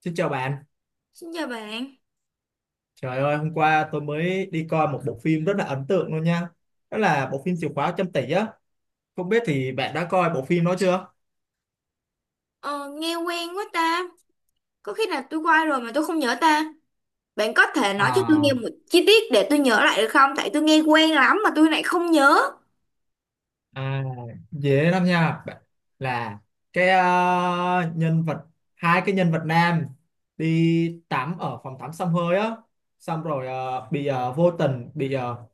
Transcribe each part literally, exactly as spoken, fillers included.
Xin chào bạn. Xin chào bạn. Trời ơi, hôm qua tôi mới đi coi một bộ phim rất là ấn tượng luôn nha. Đó là bộ phim Chìa khóa trăm tỷ á. Không biết thì bạn đã coi bộ phim đó chưa? ờ, Nghe quen quá ta, có khi nào tôi qua rồi mà tôi không nhớ ta. Bạn có thể nói cho tôi nghe À, một chi tiết để tôi nhớ lại được không? Tại tôi nghe quen lắm mà tôi lại không nhớ. à dễ lắm nha. Bạn- Là cái ờ, nhân vật hai cái nhân vật nam đi tắm ở phòng tắm xông hơi á, xong rồi ờ, bị ờ, vô tình bị ờ,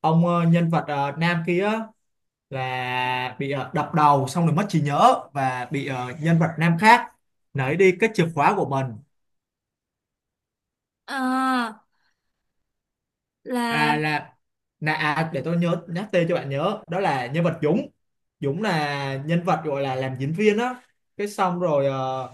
ông ờ, nhân vật ờ, nam kia là bị ờ, đập đầu xong rồi mất trí nhớ và bị ờ, nhân vật nam khác lấy đi cái chìa khóa của mình. Ờ, là... à, là là à, để tôi nhớ nhắc tên cho bạn nhớ, đó là nhân vật Dũng. Dũng là nhân vật gọi là làm diễn viên á, cái xong rồi ờ,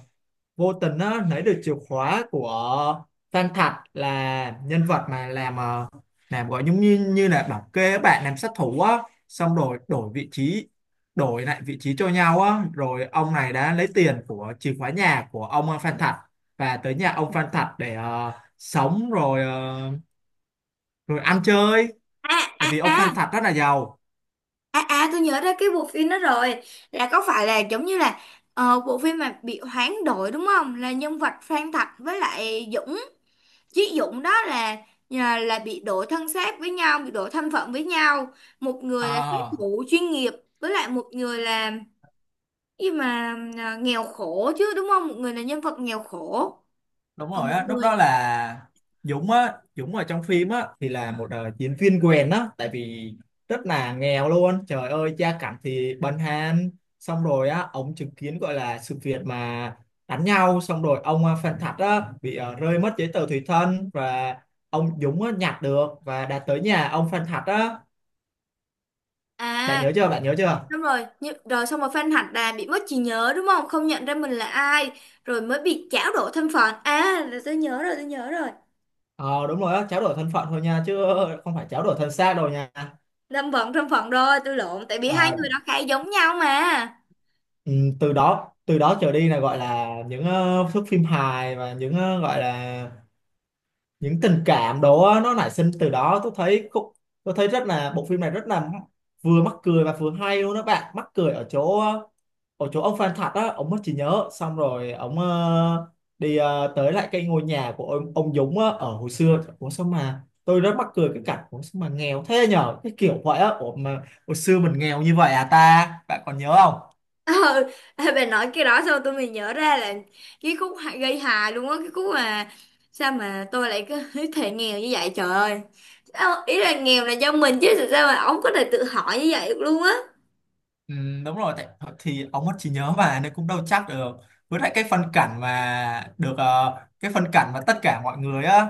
vô tình á, lấy được chìa khóa của Phan Thạch, là nhân vật mà làm ờ, làm gọi giống như như là bảo kê á, bạn, làm sát thủ á, xong rồi đổi vị trí, đổi lại vị trí cho nhau á, rồi ông này đã lấy tiền của chìa khóa nhà của ông ờ, Phan Thạch, và tới nhà ông Phan Thạch để ờ, sống rồi ờ, rồi ăn chơi, À, tại à, vì ông à, Phan Thạch rất là giàu. à, à, tôi nhớ ra cái bộ phim đó rồi. Là có phải là giống như là ờ, bộ phim mà bị hoán đổi đúng không? Là nhân vật Phan Thạch với lại Dũng. Chí Dũng đó là là, là bị đổi thân xác với nhau, bị đổi thân phận với nhau. Một người là sát Ờ, thủ chuyên nghiệp với lại một người là, nhưng mà à, nghèo khổ chứ đúng không, một người là nhân vật nghèo khổ, đúng còn rồi một á, lúc người. đó là Dũng á Dũng ở trong phim á thì là một ờ, diễn viên quèn á, tại vì rất là nghèo luôn, trời ơi, gia cảnh thì bần hàn, xong rồi á, ông chứng kiến gọi là sự việc mà đánh nhau, xong rồi ông ờ, Phan Thạch á bị ờ, rơi mất giấy tờ tùy thân, và ông Dũng á, nhặt được và đã tới nhà ông Phan Thạch á. Bạn À, nhớ chưa, bạn nhớ chưa? đúng rồi, nhưng rồi xong rồi Phan Hạnh là bị mất trí nhớ đúng không, không nhận ra mình là ai, rồi mới bị chảo đổ thân phận. À, là tôi nhớ rồi, tôi nhớ rồi. ờ Đúng rồi á, tráo đổi thân phận thôi nha, chứ không phải tráo đổi thân xác đâu nha. Thân phận, thân phận, rồi tôi lộn, tại vì hai Ờ, người đó khá giống nhau mà. ừ, từ đó từ đó trở đi là gọi là những ờ, thước phim hài, và những ờ, gọi là những tình cảm đó á, nó nảy sinh từ đó. Tôi thấy cũng tôi thấy rất là, bộ phim này rất là vừa mắc cười và vừa hay luôn đó bạn. Mắc cười ở chỗ ờ, ở chỗ ông Phan Thật á, ông mất trí nhớ, xong rồi ông ờ, đi ờ, tới lại cái ngôi nhà của ông, ông Dũng á, ở hồi xưa. Ủa, sao mà tôi rất mắc cười cái cảnh, ủa sao mà nghèo thế nhở, cái kiểu vậy á, ủa mà hồi xưa mình nghèo như vậy à ta, bạn còn nhớ không? Ờ. Ê, bà nói cái đó sao tôi mới nhớ ra là cái khúc hà- gây hài luôn á, cái khúc mà sao mà tôi lại cứ thể nghèo như vậy, trời ơi. Sao, ý là nghèo là do mình chứ, sao mà ông có thể tự hỏi như vậy được luôn á. Ừ, đúng rồi, tại thì ông mất trí nhớ mà, nên cũng đâu chắc được. Với lại cái phân cảnh mà được ờ, cái phân cảnh mà tất cả mọi người á,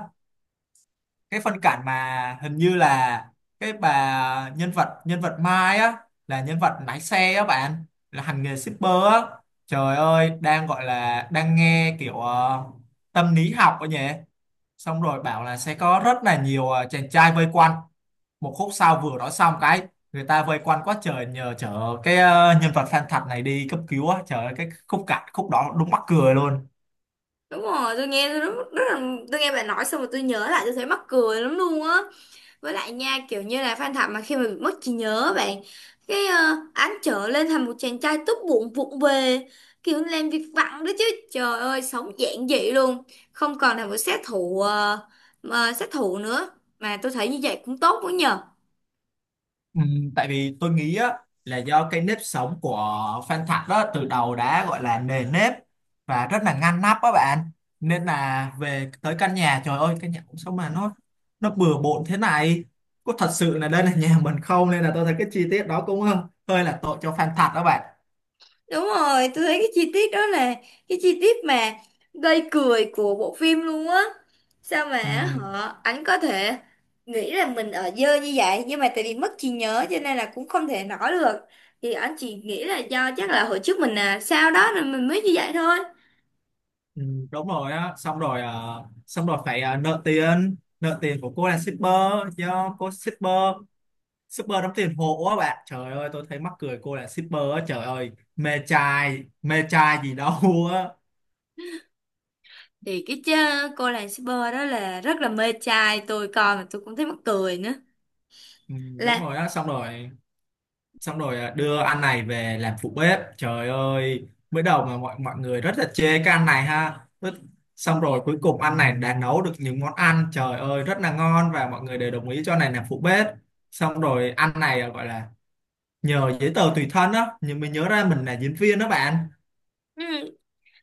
cái phân cảnh mà hình như là cái bà nhân vật nhân vật Mai á, là nhân vật lái xe á bạn, là hành nghề shipper á, trời ơi đang gọi là đang nghe kiểu ờ, tâm lý học ấy nhỉ, xong rồi bảo là sẽ có rất là nhiều ờ, chàng trai vây quanh, một khúc sau vừa nói xong cái người ta vây quanh quá trời, nhờ chở cái ờ, nhân vật fan thật này đi cấp cứu á, trời ơi cái khúc cảnh, khúc đó đúng mắc cười luôn. Đúng rồi, tôi nghe tôi rất, rất là, tôi nghe bà nói xong rồi tôi nhớ lại tôi thấy mắc cười lắm luôn á. Với lại nha, kiểu như là Phan Thảo mà khi mà bị mất trí nhớ bạn, cái uh, án trở lên thành một chàng trai tốt bụng vụng về, kiểu làm việc vặt đó chứ, trời ơi, sống giản dị luôn, không còn là một sát thủ, ờ, mà sát thủ nữa. Mà tôi thấy như vậy cũng tốt quá nhờ. Ừ, tại vì tôi nghĩ á, là do cái nếp sống của Phan Thạch đó từ đầu đã gọi là nề nếp và rất là ngăn nắp á bạn, nên là về tới căn nhà trời ơi, căn nhà cũng sao mà nó nó bừa bộn thế này, có thật sự là đây là nhà mình không, nên là tôi thấy cái chi tiết đó cũng ờ, hơi là tội cho Phan Thạch đó bạn. Đúng rồi, tôi thấy cái chi tiết đó là cái chi tiết mà gây cười của bộ phim luôn á. Sao mà Ừ, họ ảnh có thể nghĩ là mình ở dơ như vậy, nhưng mà tại vì mất trí nhớ cho nên là cũng không thể nói được. Thì ảnh chỉ nghĩ là do chắc là hồi trước mình là sao đó nên mình mới như vậy thôi. ừ, đúng rồi á, xong rồi ờ, xong rồi phải ờ, nợ tiền, nợ tiền của cô là shipper, do cô shipper shipper đóng tiền hộ á bạn, trời ơi tôi thấy mắc cười, cô là shipper á trời ơi, mê trai, mê trai gì đâu á. Thì cái chơ, cô làng shipper đó là rất là mê trai, tôi coi mà tôi cũng thấy mắc cười nữa. Ừ, đúng Là rồi á, xong rồi xong rồi à, đưa ăn này về làm phụ bếp, trời ơi mới đầu mà mọi mọi người rất là chê cái ăn này ha. Rất- xong rồi cuối cùng ăn này đã nấu được những món ăn trời ơi rất là ngon, và mọi người đều đồng ý cho này làm phụ bếp, xong rồi ăn này à, gọi là nhờ giấy tờ tùy thân á nhưng mình nhớ ra mình là diễn viên đó bạn. ừ,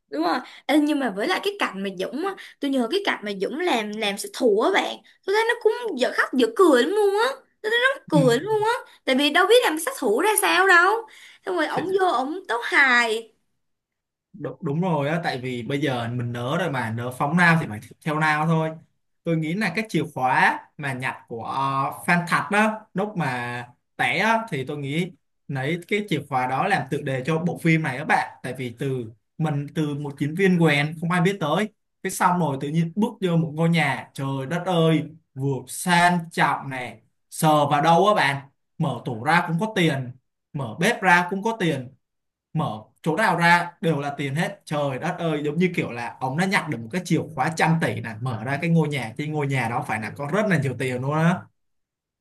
đúng rồi. Ê, nhưng mà với lại cái cảnh mà Dũng á, tôi nhớ cái cảnh mà Dũng làm làm sát thủ á bạn, tôi thấy nó cũng dở khóc dở cười lắm luôn á, tôi thấy nó mắc cười lắm luôn á, tại vì đâu biết làm sát thủ ra sao đâu, xong rồi Ừ. ổng vô ổng tấu hài. Đúng, đúng rồi á, tại vì bây giờ mình nớ rồi mà, nớ phóng nào thì phải theo nào thôi. Tôi nghĩ là cái chìa khóa mà nhặt của ờ, Phan Thạch đó lúc mà té á, thì tôi nghĩ lấy cái chìa khóa đó làm tựa đề cho bộ phim này các bạn, tại vì từ mình từ một chiến viên quèn không ai biết tới, cái xong rồi tự nhiên bước vô một ngôi nhà trời đất ơi, vừa sang trọng này, sờ vào đâu á bạn, mở tủ ra cũng có tiền, mở bếp ra cũng có tiền, mở chỗ nào ra đều là tiền hết, trời đất ơi, giống như kiểu là ông đã nhặt được một cái chìa khóa trăm tỷ này, mở ra cái ngôi nhà thì ngôi nhà đó phải là có rất là nhiều tiền luôn á.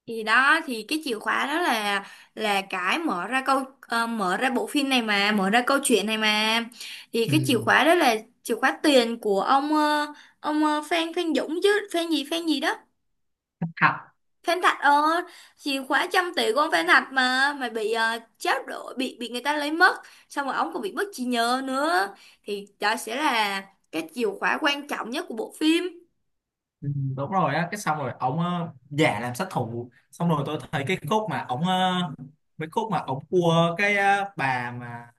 Thì đó, thì cái chìa khóa đó là là cái mở ra câu, ờ, mở ra bộ phim này, mà mở ra câu chuyện này mà. Thì Ừ. cái chìa khóa đó là chìa khóa tiền của ông, ờ, ông, ờ, Phan Phan Dũng, chứ Phan gì Phan gì đó. Thật. Phen Thạch ơi, chìa khóa trăm tỷ của ông Phen Thạch mà mà bị uh, tráo đổi, bị bị người ta lấy mất, xong rồi ông còn bị mất trí nhớ nữa. Thì đó sẽ là cái chìa khóa quan trọng nhất của bộ phim. Ừ, đúng rồi á, cái xong rồi ông ờ, giả làm sát thủ, xong rồi tôi thấy cái khúc mà ông ờ, mấy khúc mà ông cua cái ờ, bà mà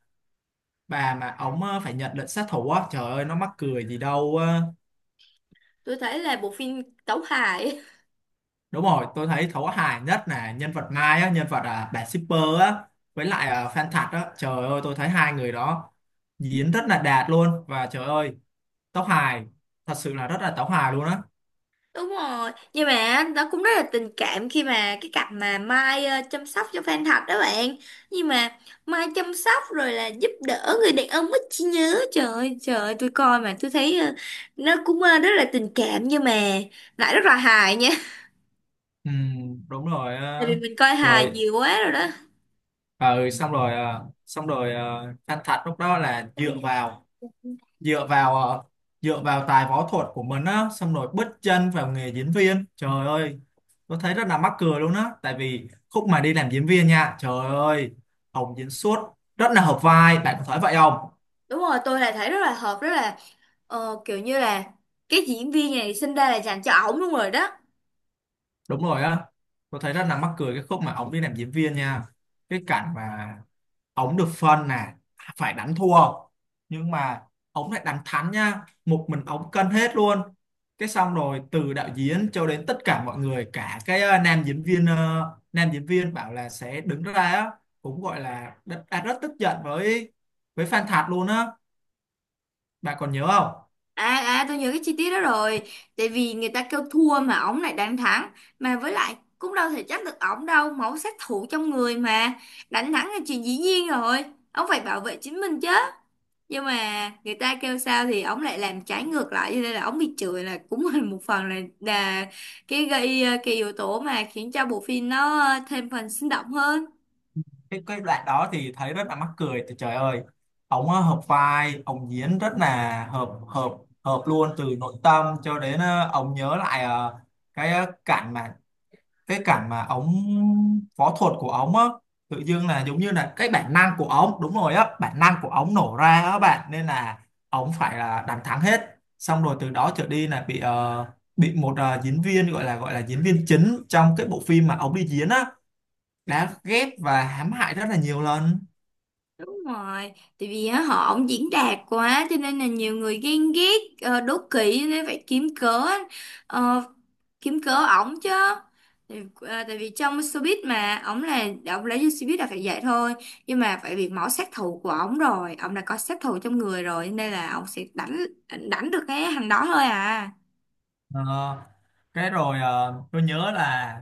bà mà ông ờ, phải nhận lệnh sát thủ á, trời ơi nó mắc cười gì đâu. Tôi thấy là bộ phim tấu hài. Đúng rồi, tôi thấy thấu hài nhất là nhân vật Mai á, nhân vật à, bà shipper á, với lại à, Phan Thật á. Trời ơi, tôi thấy hai người đó diễn rất là đạt luôn. Và trời ơi, tấu hài, thật sự là rất là tấu hài luôn á. Đúng rồi, nhưng mà nó cũng rất là tình cảm khi mà cái cặp mà Mai ờ, chăm sóc cho Phan Thạch đó bạn. Nhưng mà Mai chăm sóc rồi là giúp đỡ người đàn ông ít trí nhớ. Trời ơi, trời ơi, tôi coi mà tôi thấy ờ, nó cũng ờ, rất là tình cảm nhưng mà lại rất là hài nha. Ừ, đúng rồi. Tại vì ờ. mình coi hài Rồi, nhiều quá rồi đó. ờ, xong rồi, ờ, xong rồi ờ, Phan Thật lúc đó là dựa vào, dựa vào, ờ, dựa vào tài võ thuật của mình á, xong rồi bứt chân vào nghề diễn viên. Trời ơi, tôi thấy rất là mắc cười luôn á, tại vì khúc mà đi làm diễn viên nha, trời ơi Hồng diễn xuất rất là hợp vai, bạn có thấy vậy không? Đúng rồi, tôi là thấy rất là hợp, rất là, ờ, kiểu như là cái diễn viên này sinh ra là dành cho ổng luôn rồi đó. Đúng rồi á, tôi thấy rất là mắc cười cái khúc mà ông đi làm diễn viên nha, cái cảnh mà ổng được phân là phải đánh thua, nhưng mà ổng lại đánh thắng nha, một mình ổng cân hết luôn, cái xong rồi từ đạo diễn cho đến tất cả mọi người, cả cái ờ, nam diễn viên ờ, nam diễn viên bảo là sẽ đứng ra á, cũng gọi là đã, đã rất tức giận với với Phan Thạc luôn á, bạn còn nhớ không? À, à, tôi nhớ cái chi tiết đó rồi. Tại vì người ta kêu thua mà ổng lại đánh thắng. Mà với lại cũng đâu thể trách được ổng đâu, máu sát thủ trong người mà. Đánh thắng là chuyện dĩ nhiên rồi, ông phải bảo vệ chính mình chứ. Nhưng mà người ta kêu sao thì ổng lại làm trái ngược lại, cho nên là ổng bị chửi, là cũng là một phần là, là cái gây, ờ, cái yếu tố mà khiến cho bộ phim nó ờ, thêm phần sinh động hơn. Cái cái đoạn đó thì thấy rất là mắc cười, thì trời ơi ổng ờ, hợp vai, ổng diễn rất là hợp hợp hợp luôn, từ nội tâm cho đến ờ, ổng nhớ lại ờ, cái ờ, cảnh mà cái cảnh mà ống võ thuật của ống á, tự dưng là giống như là cái bản năng của ống, đúng rồi á, bản năng của ống nổ ra á bạn, nên là ống phải là đánh thắng hết, xong rồi từ đó trở đi là bị ờ, bị một ờ, diễn viên gọi là gọi là diễn viên chính trong cái bộ phim mà ống đi diễn á, đã ghép và hãm hại rất là nhiều lần. Đúng rồi, tại vì á, họ ổng diễn đạt quá cho nên là nhiều người ghen ghét, ờ, đố kỵ, cho nên phải kiếm cớ, ờ, kiếm cớ ổng chứ. Tại, ờ, tại vì trong showbiz mà ổng là ổng lấy vô showbiz là phải vậy thôi. Nhưng mà phải bị máu sát thủ của ổng rồi, ổng đã có sát thủ trong người rồi nên là ổng sẽ đánh đánh được cái hành đó thôi à. Ờ, cái rồi ờ, tôi nhớ là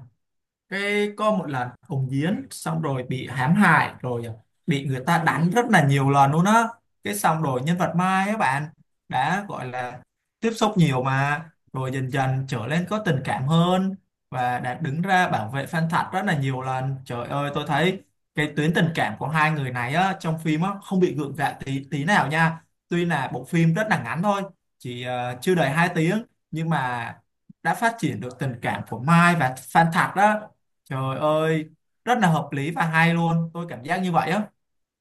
cái có một lần Hồng Diến xong rồi bị hãm hại rồi à, bị người ta đánh rất là nhiều lần luôn á, cái xong rồi nhân vật Mai á bạn, đã gọi là tiếp xúc nhiều mà, rồi dần dần trở nên có tình cảm hơn, và đã đứng ra bảo vệ Phan Thật rất là nhiều lần, trời ơi tôi thấy cái tuyến tình cảm của hai người này á, trong phim á, không bị gượng gạo tí tí nào nha, tuy là bộ phim rất là ngắn thôi, chỉ ờ, chưa đầy hai tiếng, nhưng mà đã phát triển được tình cảm của Mai và Phan Thạc đó. Trời ơi, rất là hợp lý và hay luôn, tôi cảm giác như vậy á.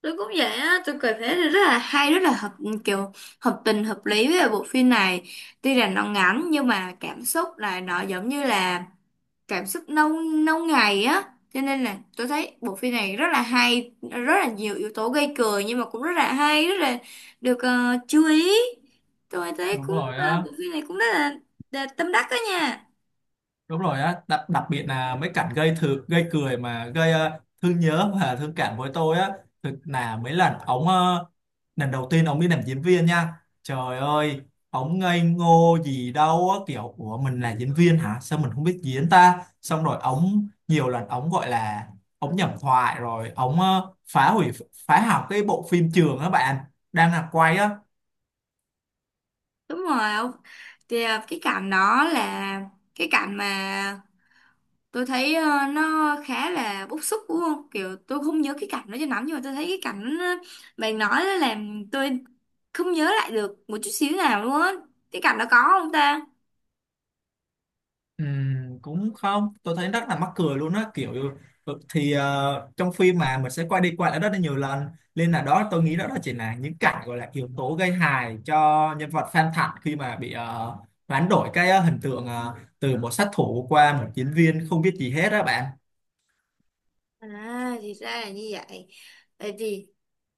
Tôi cũng vậy á, tôi cảm thấy là rất là hay, rất là hợp, kiểu hợp tình hợp lý với bộ phim này. Tuy rằng nó ngắn nhưng mà cảm xúc là nó giống như là cảm xúc lâu, lâu ngày á, cho nên là tôi thấy bộ phim này rất là hay, rất là nhiều yếu tố gây cười, nhưng mà cũng rất là hay, rất là được ờ, chú ý. Tôi thấy Đúng cũng rồi ờ, á, bộ phim này cũng rất là, là tâm đắc đó nha. đúng rồi á, đặc đặc biệt là mấy cảnh gây thử gây cười, mà gây ờ, thương nhớ và thương cảm với tôi á, thực là mấy lần ống ờ, lần đầu tiên ống đi làm diễn viên nha. Trời ơi, ống ngây ngô gì đâu á, kiểu ủa mình là diễn viên hả? Sao mình không biết diễn ta? Xong rồi ống nhiều lần ống gọi là ống nhầm thoại, rồi ống ờ, phá hủy, phá hỏng cái bộ phim trường á bạn, đang là quay á. Đúng rồi ông. Thì ờ, cái cảnh đó là cái cảnh mà tôi thấy ờ, nó khá là bức xúc đúng không, kiểu tôi không nhớ cái cảnh đó cho lắm, nhưng mà tôi thấy cái cảnh, ờ, bạn nói là làm tôi không nhớ lại được một chút xíu nào luôn á, cái cảnh đó có không ta. Ừm, cũng không, tôi thấy rất là mắc cười luôn á, kiểu ừ, thì ờ, trong phim mà mình sẽ quay đi quay lại rất là nhiều lần, nên là đó tôi nghĩ đó là chỉ là những cảnh gọi là yếu tố gây hài cho nhân vật Phan Thận khi mà bị ờ, hoán đổi cái ờ, hình tượng ờ, từ một sát thủ qua một diễn viên không biết gì hết á bạn. À, thì ra là như vậy. Vậy thì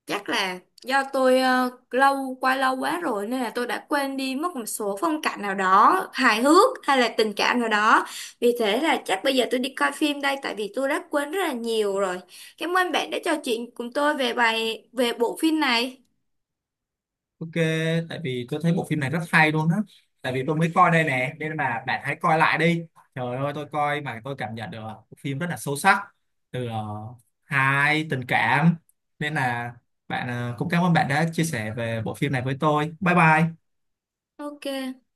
chắc là do tôi, ờ, lâu qua lâu quá rồi nên là tôi đã quên đi mất một số phong cảnh nào đó hài hước hay là tình cảm nào đó. Vì thế là chắc bây giờ tôi đi coi phim đây, tại vì tôi đã quên rất là nhiều rồi. Cảm ơn bạn đã trò chuyện cùng tôi về bài về bộ phim này. Ok, tại vì tôi thấy bộ phim này rất hay luôn á. Tại vì tôi mới coi đây nè, nên là bạn hãy coi lại đi. Trời ơi, tôi coi mà tôi cảm nhận được bộ phim rất là sâu sắc, từ ờ, hài, tình cảm. Nên là bạn ờ, cũng cảm ơn bạn đã chia sẻ về bộ phim này với tôi. Bye bye. OK.